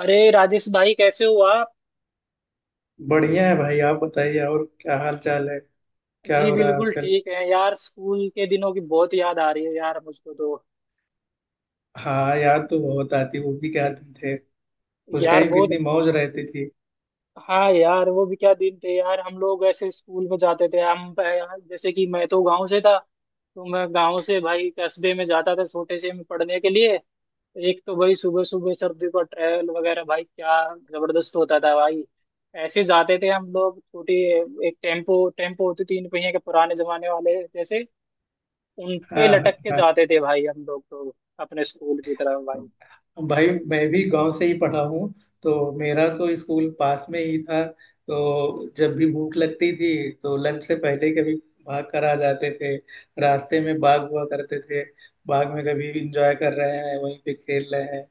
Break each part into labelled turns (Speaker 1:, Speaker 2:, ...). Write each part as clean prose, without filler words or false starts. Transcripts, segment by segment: Speaker 1: अरे राजेश भाई, कैसे हो आप?
Speaker 2: बढ़िया है भाई। आप बताइए, और क्या हाल चाल है। क्या
Speaker 1: जी
Speaker 2: हो रहा है
Speaker 1: बिल्कुल
Speaker 2: आजकल।
Speaker 1: ठीक है यार। स्कूल के दिनों की बहुत याद आ रही है यार, मुझको तो।
Speaker 2: हाँ, याद तो बहुत आती, वो भी क्या दिन थे। उस
Speaker 1: यार
Speaker 2: टाइम कितनी
Speaker 1: बहुत।
Speaker 2: मौज रहती थी।
Speaker 1: हाँ यार वो भी क्या दिन थे यार। हम लोग ऐसे स्कूल में जाते थे हम यार, जैसे कि मैं तो गांव से था, तो मैं गांव से भाई कस्बे में जाता था छोटे से में पढ़ने के लिए। एक तो भाई सुबह सुबह सर्दी का ट्रैवल वगैरह भाई, क्या जबरदस्त होता था भाई। ऐसे जाते थे हम लोग। छोटी एक टेम्पो टेम्पो होती थी, तीन पहिए के पुराने जमाने वाले जैसे। उन पे
Speaker 2: हाँ,
Speaker 1: लटक के
Speaker 2: हाँ,
Speaker 1: जाते थे भाई हम लोग तो, अपने स्कूल की तरफ भाई।
Speaker 2: हाँ। भाई मैं भी गांव से ही पढ़ा हूँ। तो मेरा तो स्कूल पास में ही था। तो जब भी भूख लगती थी तो लंच से पहले कभी भाग कर आ जाते थे। रास्ते में बाग हुआ करते थे। बाग में कभी इंजॉय कर रहे हैं, वहीं पे खेल रहे हैं।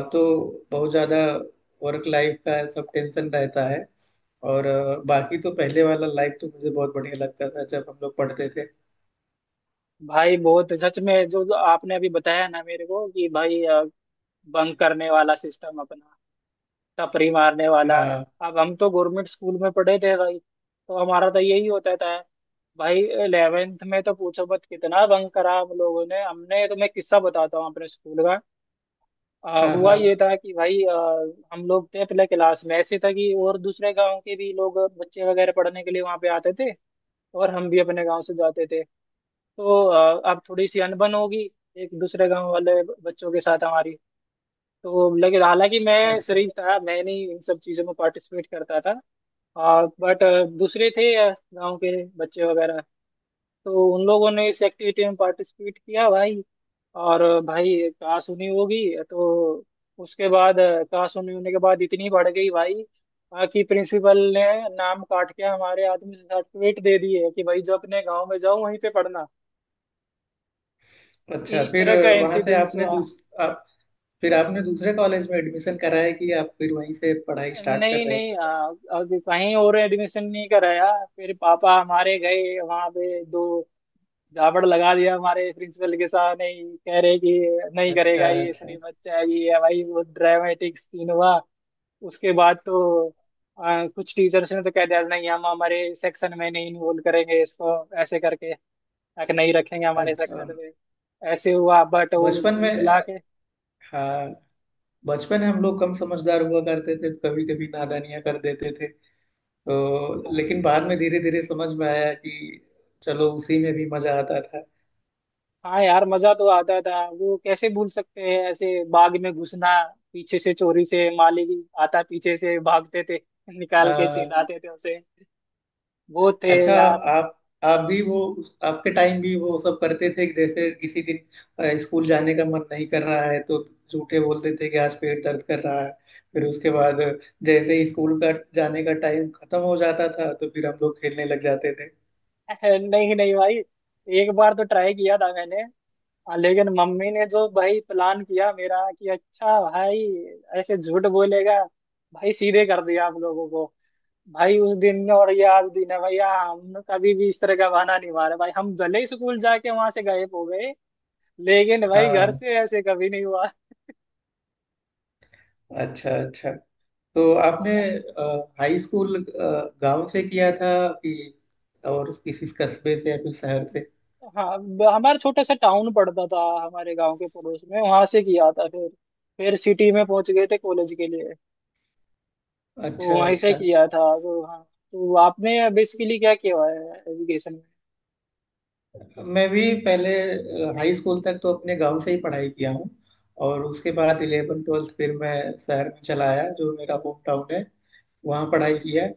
Speaker 2: अब तो बहुत ज्यादा वर्क लाइफ का सब टेंशन रहता है। और बाकी तो पहले वाला लाइफ तो मुझे बहुत बढ़िया लगता था जब हम लोग पढ़ते थे।
Speaker 1: भाई बहुत सच में, जो जो आपने अभी बताया ना मेरे को कि भाई, बंक करने वाला सिस्टम अपना, टपरी मारने वाला।
Speaker 2: हाँ,
Speaker 1: अब हम तो गवर्नमेंट स्कूल में पढ़े थे भाई, तो हमारा तो यही होता था। भाई इलेवेंथ में तो पूछो मत कितना बंक करा हम लोगों ने। हमने तो, मैं किस्सा बताता हूँ अपने स्कूल का।
Speaker 2: हाँ,
Speaker 1: हुआ
Speaker 2: हाँ।
Speaker 1: ये था कि भाई, हम लोग थे पहले क्लास में। ऐसे था कि और दूसरे गांव के भी लोग बच्चे वगैरह पढ़ने के लिए वहां पे आते थे, और हम भी अपने गांव से जाते थे। तो अब थोड़ी सी अनबन होगी एक दूसरे गांव वाले बच्चों के साथ हमारी। तो लेकिन हालांकि मैं
Speaker 2: अच्छा,
Speaker 1: शरीफ था, मैं नहीं इन सब चीज़ों में पार्टिसिपेट करता था। बट दूसरे थे गांव के बच्चे वगैरह, तो उन लोगों ने इस एक्टिविटी में पार्टिसिपेट किया भाई। और भाई काश उन्हीं होगी। तो उसके बाद काश उन्हीं होने के बाद इतनी बढ़ गई भाई, बाकी प्रिंसिपल ने नाम काट के हमारे आदमी सर्टिफिकेट दे दिए कि भाई जो अपने गांव में जाओ वहीं पे पढ़ना।
Speaker 2: अच्छा।
Speaker 1: इस तरह का
Speaker 2: वहां से
Speaker 1: इंसिडेंस
Speaker 2: आपने
Speaker 1: हुआ।
Speaker 2: दूस आप फिर आपने दूसरे कॉलेज में एडमिशन कराया, कि आप फिर वहीं से पढ़ाई स्टार्ट कर
Speaker 1: नहीं
Speaker 2: रहे थे।
Speaker 1: नहीं, अभी कहीं और एडमिशन नहीं कराया। फिर पापा हमारे गए वहां पे, दो दावड़ लगा दिया हमारे प्रिंसिपल के साथ। नहीं कह रहे कि नहीं
Speaker 2: अच्छा,
Speaker 1: करेगा ये,
Speaker 2: अच्छा,
Speaker 1: सिर्फ बच्चा है ये, है भाई वो ड्रामेटिक सीन हुआ। उसके बाद तो कुछ टीचर्स ने तो कह दिया नहीं हम हमारे सेक्शन में नहीं इन्वॉल्व करेंगे इसको, ऐसे करके, ताकि नहीं रखेंगे हमारे
Speaker 2: अच्छा।
Speaker 1: सेक्शन में। ऐसे हुआ बट वो
Speaker 2: बचपन
Speaker 1: कुल
Speaker 2: में
Speaker 1: मिला के।
Speaker 2: हाँ, बचपन में हम लोग कम समझदार हुआ करते थे, कभी कभी नादानियां कर देते थे। तो
Speaker 1: हाँ,
Speaker 2: लेकिन बाद में धीरे धीरे समझ में आया कि चलो, उसी में भी मजा आता था।
Speaker 1: हाँ यार मजा तो आता था। वो कैसे भूल सकते हैं, ऐसे बाग में घुसना, पीछे से चोरी से, माली आता पीछे से भागते थे, निकाल के
Speaker 2: हाँ।
Speaker 1: चिल्लाते थे उसे। वो थे
Speaker 2: अच्छा।
Speaker 1: यार।
Speaker 2: आप आप भी वो आपके टाइम भी वो सब करते थे, कि जैसे किसी दिन स्कूल जाने का मन नहीं कर रहा है तो झूठे बोलते थे कि आज पेट दर्द कर रहा है। फिर उसके बाद जैसे ही स्कूल का जाने का टाइम खत्म हो जाता था तो फिर हम लोग खेलने लग जाते थे।
Speaker 1: नहीं नहीं भाई, एक बार तो ट्राई किया था मैंने। हाँ, लेकिन मम्मी ने जो भाई प्लान किया मेरा कि अच्छा भाई ऐसे झूठ बोलेगा, भाई सीधे कर दिया आप लोगों को। भाई उस दिन में और ये आज दिन है भैया, हमने कभी भी इस तरह का बहाना नहीं मारा भाई। हम भले ही स्कूल जाके वहां से गायब हो गए, लेकिन भाई घर
Speaker 2: हाँ।
Speaker 1: से ऐसे कभी नहीं हुआ।
Speaker 2: अच्छा, अच्छा। तो आपने
Speaker 1: हाँ,
Speaker 2: हाई स्कूल गांव से किया था, कि और किसी कस्बे से या फिर शहर से।
Speaker 1: हाँ हमारा छोटा सा टाउन पड़ता था हमारे गांव के पड़ोस में, वहां से किया था फिर। फिर सिटी में पहुंच गए थे कॉलेज के लिए।
Speaker 2: अच्छा,
Speaker 1: तो वहीं से
Speaker 2: अच्छा।
Speaker 1: किया था, तो हाँ। तो आपने बेसिकली क्या किया है एजुकेशन में?
Speaker 2: मैं भी पहले हाई स्कूल तक तो अपने गांव से ही पढ़ाई किया हूँ। और उसके बाद इलेवन ट्वेल्थ फिर मैं शहर में चला आया, जो मेरा होम टाउन है। वहाँ पढ़ाई
Speaker 1: हम्म,
Speaker 2: किया है।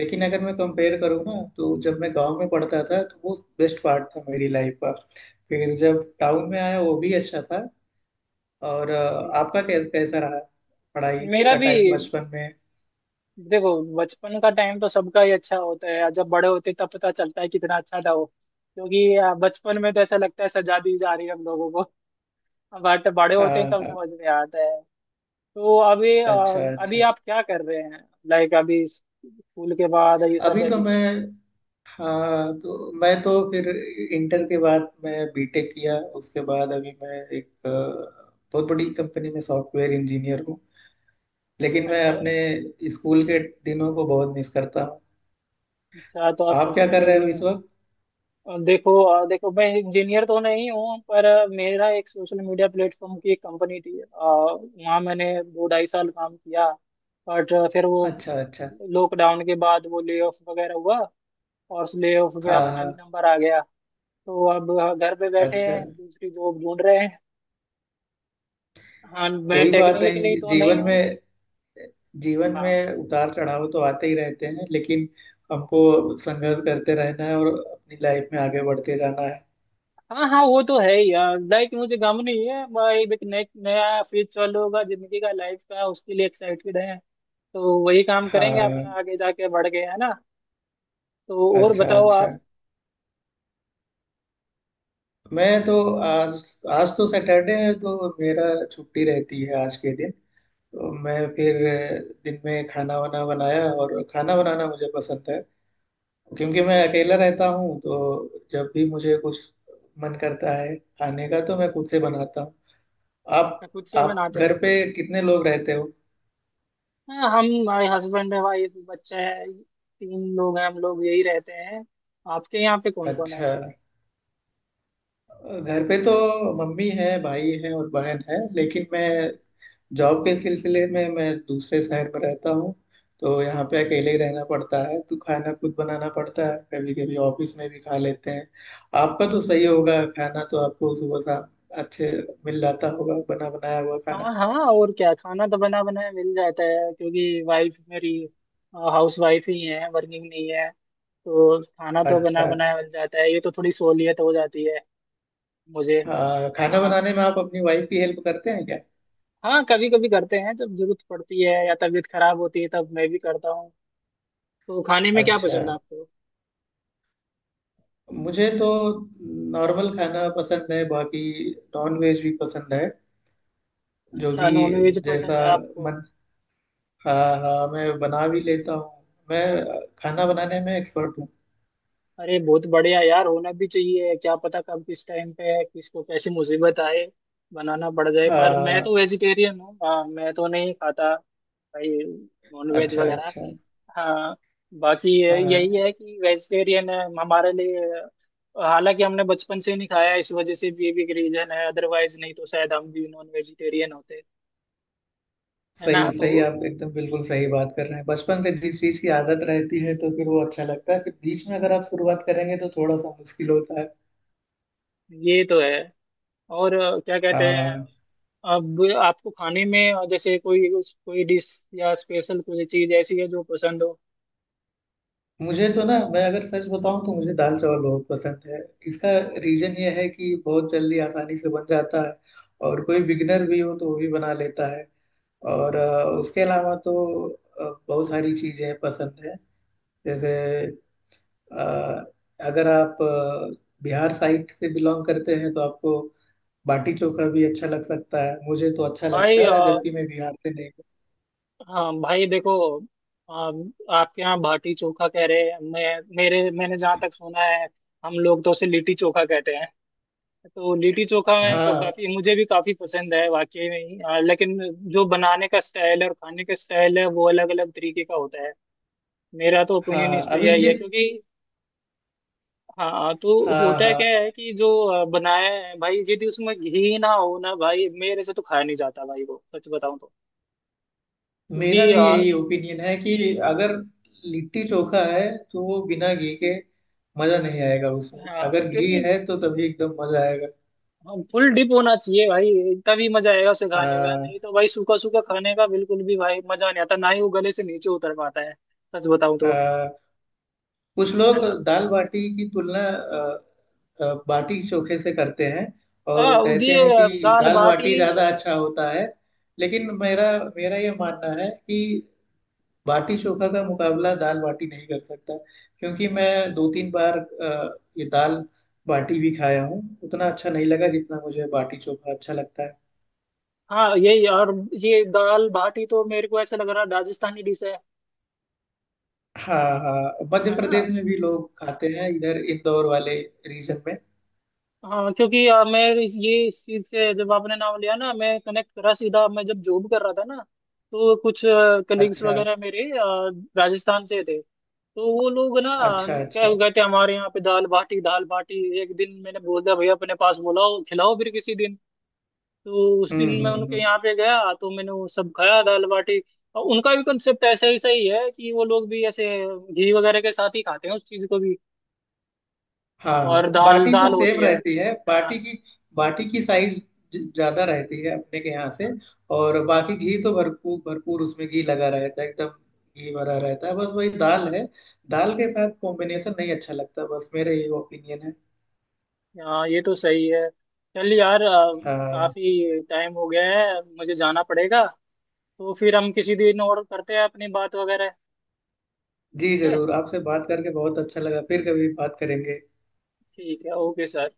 Speaker 2: लेकिन अगर मैं कंपेयर करूँ ना, तो जब मैं गांव में पढ़ता था तो वो बेस्ट पार्ट था मेरी लाइफ का। फिर जब टाउन में आया वो भी अच्छा था। और आपका कैसा रहा पढ़ाई
Speaker 1: मेरा
Speaker 2: का
Speaker 1: भी,
Speaker 2: टाइम बचपन में।
Speaker 1: देखो बचपन का टाइम तो सबका ही अच्छा होता है। जब बड़े होते तब पता चलता है कितना अच्छा था वो। क्योंकि बचपन में तो ऐसा लगता है सजा दी जा रही है हम लोगों को। बट बड़े होते
Speaker 2: हाँ,
Speaker 1: हैं तब
Speaker 2: हाँ।
Speaker 1: समझ में आता है। तो अभी
Speaker 2: अच्छा,
Speaker 1: अभी
Speaker 2: अच्छा।
Speaker 1: आप क्या कर रहे हैं? लाइक अभी स्कूल के बाद ये
Speaker 2: अभी
Speaker 1: सब
Speaker 2: तो मैं
Speaker 1: एजुकेशन।
Speaker 2: हाँ, तो मैं तो फिर इंटर के बाद मैं बीटेक किया। उसके बाद अभी मैं एक बहुत बड़ी कंपनी में सॉफ्टवेयर इंजीनियर हूँ। लेकिन मैं
Speaker 1: अच्छा
Speaker 2: अपने स्कूल के दिनों को बहुत मिस करता हूँ।
Speaker 1: अच्छा, तो आप
Speaker 2: आप क्या
Speaker 1: सॉफ्टवेयर
Speaker 2: कर रहे हो
Speaker 1: इंजीनियर।
Speaker 2: इस वक्त।
Speaker 1: और देखो देखो मैं इंजीनियर तो नहीं हूँ, पर मेरा एक सोशल मीडिया प्लेटफॉर्म की एक कंपनी थी। वहाँ मैंने दो ढाई साल काम किया। बट फिर वो
Speaker 2: अच्छा, अच्छा।
Speaker 1: लॉकडाउन के बाद वो ले ऑफ वगैरह हुआ, और उस ले ऑफ में
Speaker 2: हाँ,
Speaker 1: अपना भी
Speaker 2: हाँ।
Speaker 1: नंबर आ गया। तो अब घर पे बैठे
Speaker 2: अच्छा।
Speaker 1: हैं, दूसरी जॉब ढूंढ रहे हैं। हाँ मैं
Speaker 2: कोई बात
Speaker 1: टेक्निकली
Speaker 2: नहीं,
Speaker 1: तो नहीं
Speaker 2: जीवन
Speaker 1: हूँ।
Speaker 2: में जीवन
Speaker 1: हाँ।
Speaker 2: में उतार चढ़ाव तो आते ही रहते हैं, लेकिन हमको संघर्ष करते रहना है और अपनी लाइफ में आगे बढ़ते जाना है।
Speaker 1: हाँ हाँ वो तो है ही यार। लाइक मुझे गम नहीं है भाई, एक नए नया फेज चालू होगा जिंदगी का लाइफ का, उसके लिए एक्साइटेड है। तो वही काम करेंगे अपना,
Speaker 2: हाँ।
Speaker 1: आगे जाके बढ़ गए है ना। तो और
Speaker 2: अच्छा,
Speaker 1: बताओ
Speaker 2: अच्छा।
Speaker 1: आप?
Speaker 2: मैं तो आज आज तो सैटरडे है, तो मेरा छुट्टी रहती है आज के दिन। तो मैं फिर दिन में खाना वाना बनाया, और खाना बनाना मुझे पसंद है। क्योंकि मैं
Speaker 1: ए,
Speaker 2: अकेला रहता हूँ तो जब भी मुझे कुछ मन करता है खाने का तो मैं खुद से बनाता हूँ। आप
Speaker 1: खुद से
Speaker 2: आप
Speaker 1: बनाते हैं?
Speaker 2: घर पे कितने लोग रहते हो।
Speaker 1: हाँ, हम हमारे हस्बैंड है भाई, एक बच्चा है, तीन लोग हैं हम लोग, यही रहते हैं। आपके यहाँ पे कौन कौन है?
Speaker 2: अच्छा। घर पे तो मम्मी है, भाई है और बहन है, लेकिन मैं जॉब के सिलसिले में मैं दूसरे शहर में रहता हूँ। तो यहाँ पे अकेले ही रहना पड़ता है, तो खाना खुद बनाना पड़ता है, कभी कभी ऑफिस में भी खा लेते हैं। आपका तो सही होगा, खाना तो आपको सुबह शाम अच्छे मिल जाता होगा बना बनाया हुआ खाना।
Speaker 1: हाँ हाँ और क्या, खाना तो बना बनाया मिल जाता है, क्योंकि वाइफ मेरी हाउस वाइफ ही है, वर्किंग नहीं है। तो खाना तो बना
Speaker 2: अच्छा।
Speaker 1: बनाया मिल जाता है, ये तो थोड़ी सहूलियत हो जाती है मुझे।
Speaker 2: हाँ, खाना
Speaker 1: आ,
Speaker 2: बनाने में आप अपनी वाइफ की हेल्प करते हैं क्या।
Speaker 1: हाँ कभी कभी करते हैं जब जरूरत पड़ती है या तबीयत खराब होती है तब मैं भी करता हूँ। तो खाने में क्या
Speaker 2: अच्छा।
Speaker 1: पसंद है आपको?
Speaker 2: मुझे तो नॉर्मल खाना पसंद है। बाकी नॉन वेज भी पसंद है, जो
Speaker 1: अच्छा,
Speaker 2: भी
Speaker 1: नॉन वेज
Speaker 2: जैसा
Speaker 1: पसंद है आपको?
Speaker 2: मन। हाँ, हाँ, मैं बना भी लेता हूँ। मैं खाना बनाने में एक्सपर्ट हूँ।
Speaker 1: अरे बहुत बढ़िया यार, होना भी चाहिए, क्या पता कब किस टाइम पे है किसको कैसी मुसीबत आए, बनाना पड़ जाए। पर मैं
Speaker 2: हाँ।
Speaker 1: तो वेजिटेरियन हूँ, हाँ मैं तो नहीं खाता भाई नॉन वेज
Speaker 2: अच्छा,
Speaker 1: वगैरह।
Speaker 2: अच्छा।
Speaker 1: हाँ बाकी ये
Speaker 2: हाँ,
Speaker 1: यही है कि वेजिटेरियन है हमारे लिए। हालांकि हमने बचपन से नहीं खाया, इस वजह से भी, ये भी एक रीजन है। अदरवाइज नहीं तो शायद हम भी नॉन वेजिटेरियन होते, है ना?
Speaker 2: सही
Speaker 1: तो
Speaker 2: सही आप एकदम बिल्कुल सही बात कर रहे हैं। बचपन से जिस चीज की आदत रहती है तो फिर वो अच्छा लगता है, फिर बीच में अगर आप शुरुआत करेंगे तो थोड़ा सा मुश्किल होता है।
Speaker 1: ये तो है। और क्या कहते हैं,
Speaker 2: हाँ,
Speaker 1: अब आपको खाने में जैसे कोई कोई डिश या स्पेशल कोई चीज ऐसी है जो पसंद हो?
Speaker 2: मुझे तो ना, मैं अगर सच बताऊं तो मुझे दाल चावल बहुत पसंद है। इसका रीजन ये है कि बहुत जल्दी आसानी से बन जाता है। और कोई बिगनर भी हो तो वो भी बना लेता है। और उसके अलावा तो बहुत सारी चीजें पसंद है। जैसे अ, अगर आप बिहार साइड से बिलोंग करते हैं तो आपको बाटी चोखा भी अच्छा लग सकता है। मुझे तो अच्छा
Speaker 1: भाई
Speaker 2: लगता है, जबकि मैं बिहार से नहीं हूँ।
Speaker 1: हाँ भाई देखो, अ, आपके यहाँ भाटी चोखा कह रहे हैं। मैंने जहाँ तक सुना है हम लोग तो उसे लिट्टी चोखा कहते हैं। तो लिट्टी चोखा में तो
Speaker 2: हाँ,
Speaker 1: काफी, मुझे भी काफी पसंद है वाकई में ही, लेकिन जो बनाने का स्टाइल है और खाने का स्टाइल है वो अलग अलग तरीके का होता है। मेरा तो ओपिनियन
Speaker 2: हाँ,
Speaker 1: इस पे
Speaker 2: अभी
Speaker 1: यही है,
Speaker 2: जिस
Speaker 1: क्योंकि हाँ तो
Speaker 2: हाँ,
Speaker 1: होता है
Speaker 2: हाँ,
Speaker 1: क्या है कि जो बनाया है भाई यदि उसमें घी ना हो ना भाई, मेरे से तो खाया नहीं जाता भाई वो, सच बताऊं तो।
Speaker 2: मेरा
Speaker 1: क्योंकि
Speaker 2: भी यही ओपिनियन है कि अगर लिट्टी चोखा है तो वो बिना घी के मजा नहीं आएगा उसमें।
Speaker 1: हाँ
Speaker 2: अगर घी
Speaker 1: क्योंकि
Speaker 2: है तो तभी एकदम मजा आएगा।
Speaker 1: फुल डिप होना चाहिए भाई, तभी मजा आएगा उसे खाने का। नहीं
Speaker 2: हाँ,
Speaker 1: तो भाई सूखा सूखा खाने का बिल्कुल भी भाई मजा नहीं आता, ना ही वो गले से नीचे उतर पाता है, सच बताऊं तो,
Speaker 2: हाँ, कुछ लोग
Speaker 1: है ना?
Speaker 2: दाल बाटी की तुलना बाटी चोखे से करते हैं। और कहते हैं
Speaker 1: ये
Speaker 2: कि
Speaker 1: दाल
Speaker 2: दाल बाटी
Speaker 1: बाटी तो,
Speaker 2: ज़्यादा अच्छा होता है। लेकिन मेरा मेरा ये मानना है कि बाटी चोखा का मुकाबला दाल बाटी नहीं कर सकता। क्योंकि मैं दो तीन बार ये दाल बाटी भी खाया हूँ, उतना अच्छा नहीं लगा जितना मुझे बाटी चोखा अच्छा लगता है।
Speaker 1: हाँ यही, और ये दाल बाटी तो मेरे को ऐसा लग रहा है राजस्थानी डिश है
Speaker 2: हाँ, हाँ, मध्य
Speaker 1: है ना?
Speaker 2: प्रदेश में भी लोग खाते हैं, इधर इंदौर वाले रीजन में।
Speaker 1: हाँ क्योंकि मैं ये इस चीज से जब आपने नाम लिया ना मैं कनेक्ट करा सीधा। मैं जब जॉब कर रहा था ना, तो कुछ कलीग्स
Speaker 2: अच्छा,
Speaker 1: वगैरह मेरे राजस्थान से थे। तो वो लोग ना,
Speaker 2: अच्छा,
Speaker 1: क्या
Speaker 2: अच्छा।
Speaker 1: कहते हैं हमारे यहाँ पे दाल बाटी दाल बाटी। एक दिन मैंने बोल दिया भैया अपने पास बोलाओ खिलाओ फिर किसी दिन। तो उस
Speaker 2: हम्म,
Speaker 1: दिन मैं
Speaker 2: हम्म,
Speaker 1: उनके
Speaker 2: हम्म।
Speaker 1: यहाँ पे गया तो मैंने वो सब खाया दाल बाटी। और उनका भी कंसेप्ट ऐसा ही सही है कि वो लोग भी ऐसे घी वगैरह के साथ ही खाते हैं उस चीज को भी।
Speaker 2: हाँ,
Speaker 1: और दाल
Speaker 2: बाटी तो
Speaker 1: दाल होती
Speaker 2: सेम
Speaker 1: है।
Speaker 2: रहती है बाटी
Speaker 1: हाँ
Speaker 2: की। बाटी की साइज ज्यादा रहती है अपने के यहाँ से। और बाकी घी तो भरपूर भरपूर उसमें घी लगा रहता है एकदम। घी भरा रहता है, बस वही दाल है। दाल के साथ कॉम्बिनेशन नहीं अच्छा लगता, बस मेरे ये ओपिनियन है।
Speaker 1: हाँ ये तो सही है। चल यार
Speaker 2: हाँ।
Speaker 1: काफी टाइम हो गया है, मुझे जाना पड़ेगा। तो फिर हम किसी दिन और करते हैं अपनी बात वगैरह।
Speaker 2: जी
Speaker 1: ठीक है,
Speaker 2: जरूर, आपसे बात करके बहुत अच्छा लगा, फिर कभी बात करेंगे।
Speaker 1: ठीक है, ओके सर।